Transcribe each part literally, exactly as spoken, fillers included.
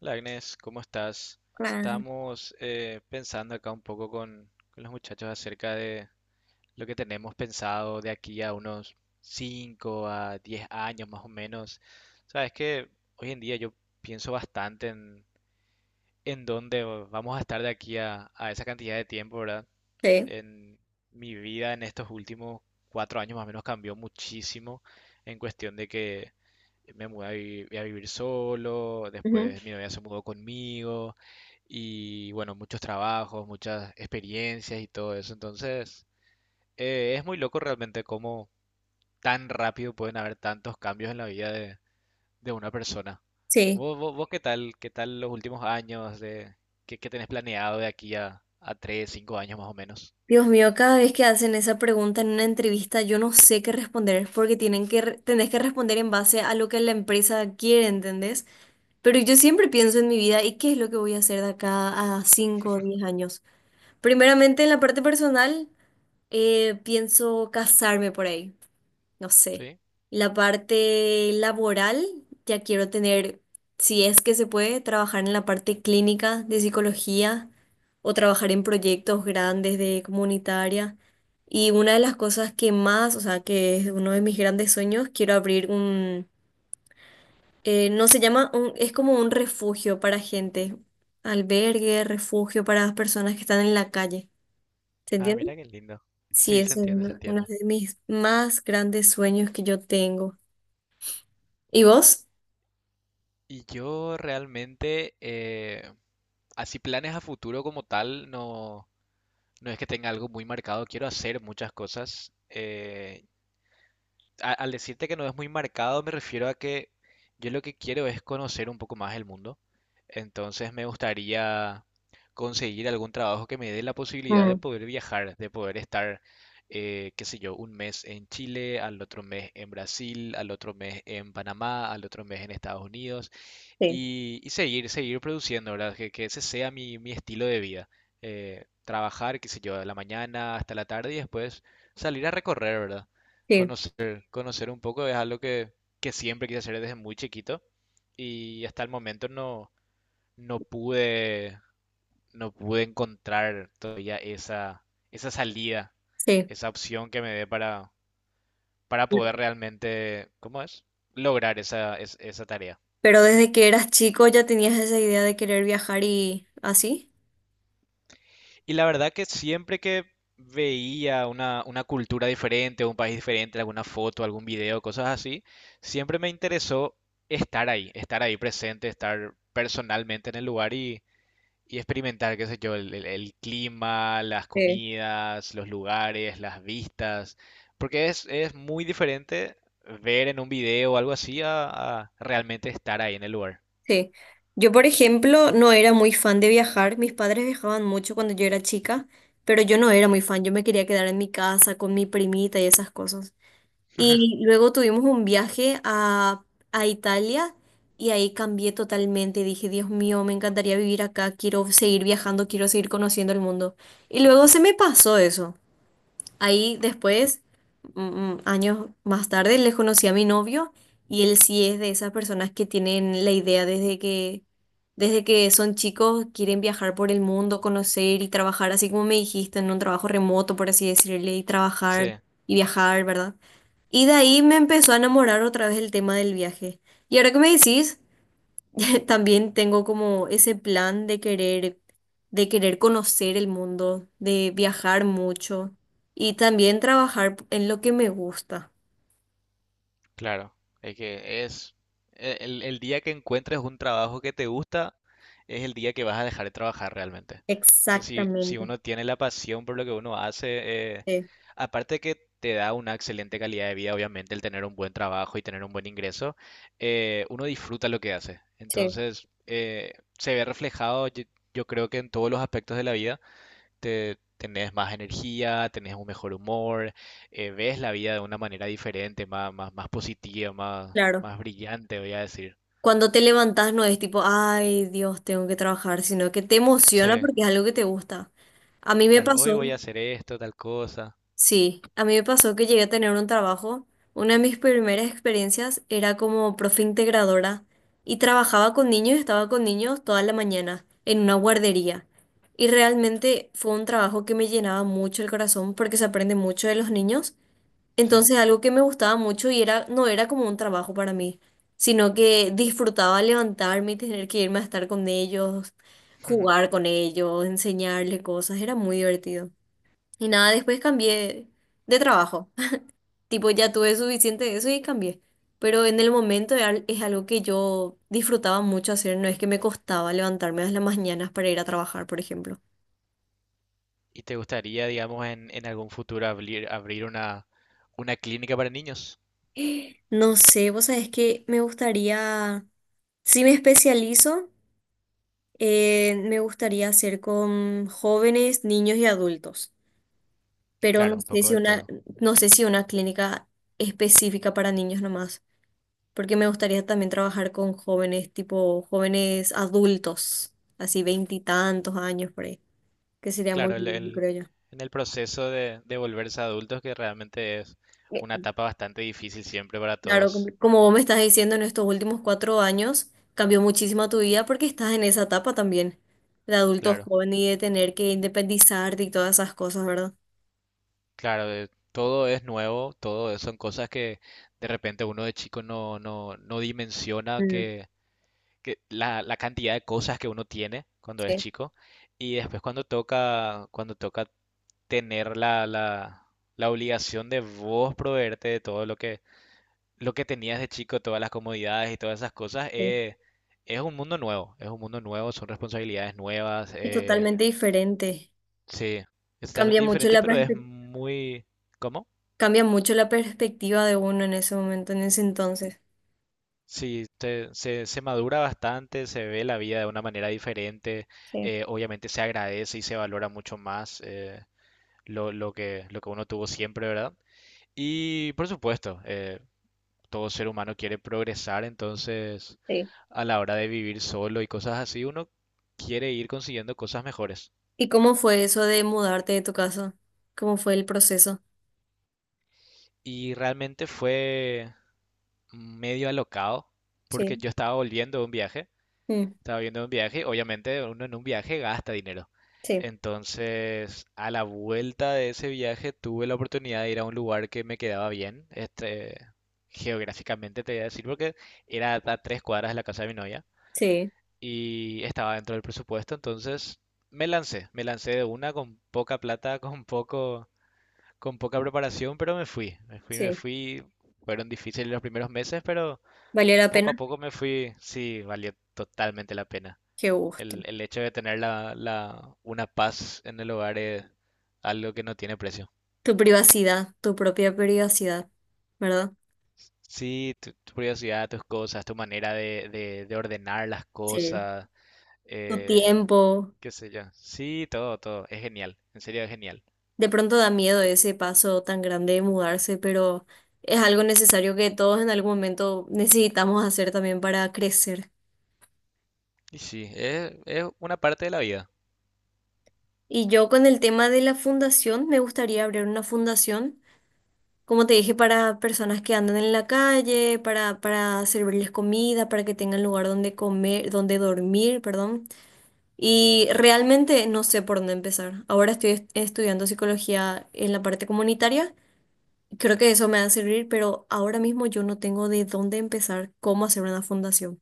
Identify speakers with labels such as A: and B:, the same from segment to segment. A: Hola Agnes, ¿cómo estás?
B: Ah,
A: Estamos eh, pensando acá un poco con, con los muchachos acerca de lo que tenemos pensado de aquí a unos cinco a diez años más o menos. Sabes que hoy en día yo pienso bastante en, en dónde vamos a estar de aquí a, a esa cantidad de tiempo, ¿verdad?
B: sí.
A: En mi vida en estos últimos cuatro años más o menos cambió muchísimo en cuestión de que me mudé a, vi- a vivir solo,
B: Ujú.
A: después mi novia se mudó conmigo y bueno, muchos trabajos, muchas experiencias y todo eso. Entonces, eh, es muy loco realmente cómo tan rápido pueden haber tantos cambios en la vida de, de una persona.
B: Sí.
A: ¿Vos, vos, vos qué tal? ¿Qué tal los últimos años de qué, qué tenés planeado de aquí a, a tres cinco años más o menos?
B: Dios mío, cada vez que hacen esa pregunta en una entrevista, yo no sé qué responder, porque tienen que, re- tenés que responder en base a lo que la empresa quiere, ¿entendés? Pero yo siempre pienso en mi vida y qué es lo que voy a hacer de acá a cinco o diez años. Primeramente, en la parte personal, eh, pienso casarme por ahí. No sé,
A: ¿Sí?
B: la parte laboral, ya quiero tener, si es que se puede, trabajar en la parte clínica de psicología o trabajar en proyectos grandes de comunitaria. Y una de las cosas que más, o sea, que es uno de mis grandes sueños, quiero abrir un, eh, no se llama, un- es como un refugio para gente, albergue, refugio para las personas que están en la calle. ¿Se
A: Ah,
B: entiende?
A: mira qué lindo.
B: Sí,
A: Sí, se
B: eso es
A: entiende, se
B: uno uno
A: entiende.
B: de mis más grandes sueños que yo tengo. ¿Y vos?
A: Y yo realmente, eh, así planes a futuro como tal, no, no es que tenga algo muy marcado. Quiero hacer muchas cosas. Eh, a- al decirte que no es muy marcado, me refiero a que yo lo que quiero es conocer un poco más el mundo. Entonces me gustaría conseguir algún trabajo que me dé la posibilidad de
B: Mm,
A: poder viajar, de poder estar, eh, qué sé yo, un mes en Chile, al otro mes en Brasil, al otro mes en Panamá, al otro mes en Estados Unidos.
B: sí,
A: Y, y seguir, seguir produciendo, ¿verdad? Que, que ese sea mi, mi estilo de vida. Eh, trabajar, qué sé yo, de la mañana hasta la tarde y después salir a recorrer, ¿verdad?
B: sí,
A: Conocer, conocer un poco es algo que, que siempre quise hacer desde muy chiquito y hasta el momento no, no pude, no pude encontrar todavía esa, esa salida,
B: sí.
A: esa opción que me dé para, para poder realmente, ¿cómo es? Lograr esa, es- esa tarea.
B: Pero desde que eras chico ya tenías esa idea de querer viajar y así.
A: Y la verdad que siempre que veía una, una cultura diferente, un país diferente, alguna foto, algún video, cosas así, siempre me interesó estar ahí, estar ahí presente, estar personalmente en el lugar y, y experimentar, qué sé yo, el, el- el clima, las
B: Sí,
A: comidas, los lugares, las vistas, porque es, es muy diferente ver en un video o algo así a, a realmente estar ahí en el lugar.
B: sí. Yo, por ejemplo, no era muy fan de viajar. Mis padres viajaban mucho cuando yo era chica, pero yo no era muy fan. Yo me quería quedar en mi casa con mi primita y esas cosas. Y luego tuvimos un viaje a, a Italia y ahí cambié totalmente. Dije, Dios mío, me encantaría vivir acá. Quiero seguir viajando, quiero seguir conociendo el mundo. Y luego se me pasó eso. Ahí después, mm, mm, años más tarde, le conocí a mi novio y él sí es de esas personas que tienen la idea desde que, desde que son chicos, quieren viajar por el mundo, conocer y trabajar, así como me dijiste, en un trabajo remoto, por así decirle, y trabajar
A: Sí.
B: y viajar, ¿verdad? Y de ahí me empezó a enamorar otra vez el tema del viaje. Y ahora que me decís, también tengo como ese plan de querer, de querer conocer el mundo, de viajar mucho y también trabajar en lo que me gusta.
A: Claro, es que es e- el, el día que encuentres un trabajo que te gusta, es el día que vas a dejar de trabajar realmente. Porque si, si
B: Exactamente.
A: uno tiene la pasión por lo que uno hace, eh,
B: Sí,
A: aparte que te da una excelente calidad de vida, obviamente, el tener un buen trabajo y tener un buen ingreso, eh, uno disfruta lo que hace.
B: sí.
A: Entonces, eh, se ve reflejado, yo yo creo que en todos los aspectos de la vida te, tenés más energía, tenés un mejor humor, eh, ves la vida de una manera diferente, más, más, más positiva, más,
B: Claro.
A: más brillante, voy a decir.
B: Cuando te levantas no es tipo, ay, Dios, tengo que trabajar, sino que te emociona
A: Sí,
B: porque es algo que te gusta. A mí me
A: claro, hoy voy
B: pasó.
A: a hacer esto, tal cosa.
B: Sí, a mí me pasó que llegué a tener un trabajo. Una de mis primeras experiencias era como profe integradora y trabajaba con niños, estaba con niños toda la mañana en una guardería. Y realmente fue un trabajo que me llenaba mucho el corazón porque se aprende mucho de los niños.
A: Sí.
B: Entonces algo que me gustaba mucho y era, no era como un trabajo para mí, sino que disfrutaba levantarme y tener que irme a estar con ellos, jugar con ellos, enseñarles cosas. Era muy divertido. Y nada, después cambié de trabajo. Tipo, ya tuve suficiente de eso y cambié. Pero en el momento era al- es algo que yo disfrutaba mucho hacer. No es que me costaba levantarme a las mañanas para ir a trabajar, por ejemplo.
A: ¿Y te gustaría, digamos, en, en algún futuro abrir, abrir una, una clínica para niños?
B: No sé, vos sabés que me gustaría, si me especializo, eh, me gustaría hacer con jóvenes, niños y adultos. Pero no
A: Claro, un
B: sé
A: poco
B: si
A: de
B: una,
A: todo.
B: no sé si una clínica específica para niños nomás. Porque me gustaría también trabajar con jóvenes, tipo jóvenes adultos, así veintitantos años por ahí, que sería muy
A: Claro, el,
B: lindo,
A: el-
B: creo yo.
A: en el proceso de, de volverse adultos, que realmente es una
B: Eh,
A: etapa bastante difícil siempre para
B: Claro, como
A: todos.
B: como vos me estás diciendo, en estos últimos cuatro años cambió muchísimo tu vida porque estás en esa etapa también, de adulto
A: Claro.
B: joven y de tener que independizarte y todas esas cosas, ¿verdad?
A: Claro, eh, todo es nuevo, todo es- son cosas que de repente uno de chico no, no, no dimensiona
B: Mm,
A: que, que la, la cantidad de cosas que uno tiene cuando es
B: sí,
A: chico y después cuando toca, cuando toca tener la, la, la obligación de vos proveerte de todo lo que, lo que tenías de chico, todas las comodidades y todas esas cosas,
B: sí.
A: eh, es un mundo nuevo, es un mundo nuevo, son responsabilidades nuevas,
B: Es
A: eh,
B: totalmente diferente.
A: sí, es
B: Cambia
A: totalmente
B: mucho
A: diferente,
B: la
A: pero es
B: perspe-
A: muy... ¿Cómo?
B: Cambia mucho la perspectiva de uno en ese momento, en ese entonces.
A: Sí, te- se, se madura bastante, se ve la vida de una manera diferente,
B: Sí,
A: eh, obviamente se agradece y se valora mucho más eh, lo, lo que, lo que uno tuvo siempre, ¿verdad? Y por supuesto, eh, todo ser humano quiere progresar, entonces
B: sí.
A: a la hora de vivir solo y cosas así, uno quiere ir consiguiendo cosas mejores.
B: ¿Y cómo fue eso de mudarte de tu casa? ¿Cómo fue el proceso?
A: Y realmente fue medio alocado porque
B: Sí,
A: yo estaba volviendo de un viaje.
B: mm,
A: Estaba viendo un viaje, obviamente uno en un viaje gasta dinero.
B: sí,
A: Entonces, a la vuelta de ese viaje tuve la oportunidad de ir a un lugar que me quedaba bien, este, geográficamente te voy a decir, porque era a tres cuadras de la casa de mi novia
B: sí,
A: y estaba dentro del presupuesto, entonces me lancé, me lancé de una con poca plata, con poco, con poca preparación, pero me fui, me fui, me
B: sí.
A: fui. Fueron difíciles los primeros meses, pero
B: ¿Valió la
A: poco a
B: pena?
A: poco me fui, sí, valió totalmente la pena.
B: Qué gusto.
A: El, el hecho de tener la, la, una paz en el hogar es algo que no tiene precio.
B: Tu privacidad, tu propia privacidad, ¿verdad?
A: Sí, tu, tu curiosidad, tus cosas, tu manera de, de- de ordenar las
B: Sí.
A: cosas,
B: Tu
A: eh,
B: tiempo.
A: qué sé yo. Sí, todo, todo. Es genial. En serio, es genial.
B: De pronto da miedo ese paso tan grande de mudarse, pero es algo necesario que todos en algún momento necesitamos hacer también para crecer.
A: Y sí, es, es una parte de la vida.
B: Y yo con el tema de la fundación, me gustaría abrir una fundación. Como te dije, para personas que andan en la calle, para, para servirles comida, para que tengan lugar donde comer, donde dormir, perdón. Y realmente no sé por dónde empezar. Ahora estoy est- estudiando psicología en la parte comunitaria. Creo que eso me va a servir, pero ahora mismo yo no tengo de dónde empezar cómo hacer una fundación.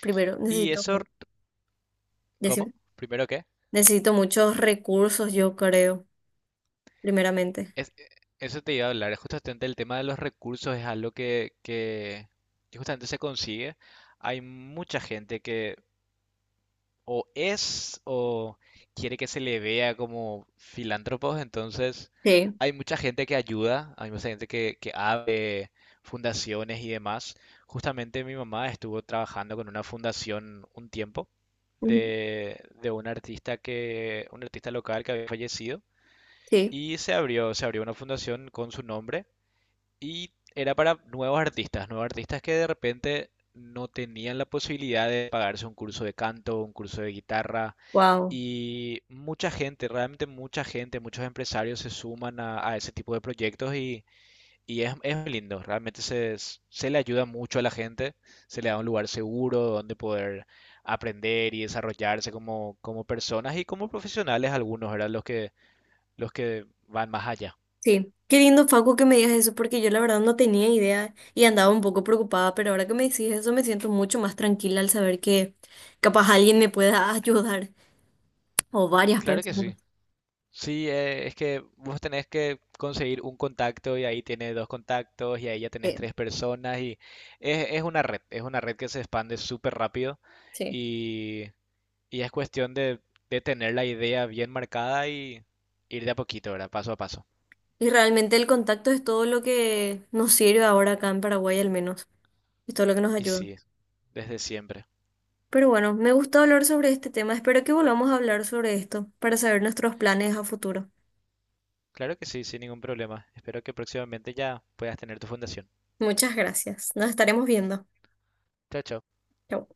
B: Primero,
A: ¿Y
B: necesito,
A: eso,
B: mu-
A: cómo?
B: decime.
A: ¿Primero qué?
B: Necesito muchos recursos, yo creo, primeramente.
A: Es, eh, Eso te iba a hablar. Justamente el tema de los recursos es algo que, que que justamente se consigue. Hay mucha gente que o es o quiere que se le vea como filántropos, entonces
B: Sí.
A: hay mucha gente que ayuda, hay mucha gente que, que abre fundaciones y demás. Justamente mi mamá estuvo trabajando con una fundación un tiempo
B: Ujú.
A: de, de un artista que, un artista local que había fallecido
B: Sí.
A: y se abrió, se abrió una fundación con su nombre y era para nuevos artistas, nuevos artistas que de repente no tenían la posibilidad de pagarse un curso de canto, un curso de guitarra.
B: Wow.
A: Y mucha gente, realmente mucha gente, muchos empresarios se suman a, a ese tipo de proyectos y, y es, es muy lindo. Realmente se, se le ayuda mucho a la gente, se le da un lugar seguro donde poder aprender y desarrollarse como, como personas y como profesionales algunos, eran Los que, los que van más allá.
B: Sí, qué lindo, Facu, que me digas eso, porque yo la verdad no tenía idea y andaba un poco preocupada, pero ahora que me decís eso me siento mucho más tranquila al saber que capaz alguien me pueda ayudar, o varias
A: Claro que
B: personas.
A: sí. Sí, eh, es que vos tenés que conseguir un contacto y ahí tienes dos contactos y ahí ya tenés
B: Sí,
A: tres personas y es, es una red, es una red que se expande súper rápido
B: sí.
A: y, y es cuestión de, de tener la idea bien marcada y ir de a poquito, ¿verdad? Paso a paso.
B: Y realmente el contacto es todo lo que nos sirve ahora acá en Paraguay, al menos, es todo lo que nos
A: Y
B: ayuda.
A: sí, desde siempre.
B: Pero bueno, me gusta hablar sobre este tema, espero que volvamos a hablar sobre esto para saber nuestros planes a futuro.
A: Claro que sí, sin ningún problema. Espero que próximamente ya puedas tener tu fundación.
B: Muchas gracias, nos estaremos viendo.
A: Chao, chao.
B: Chau.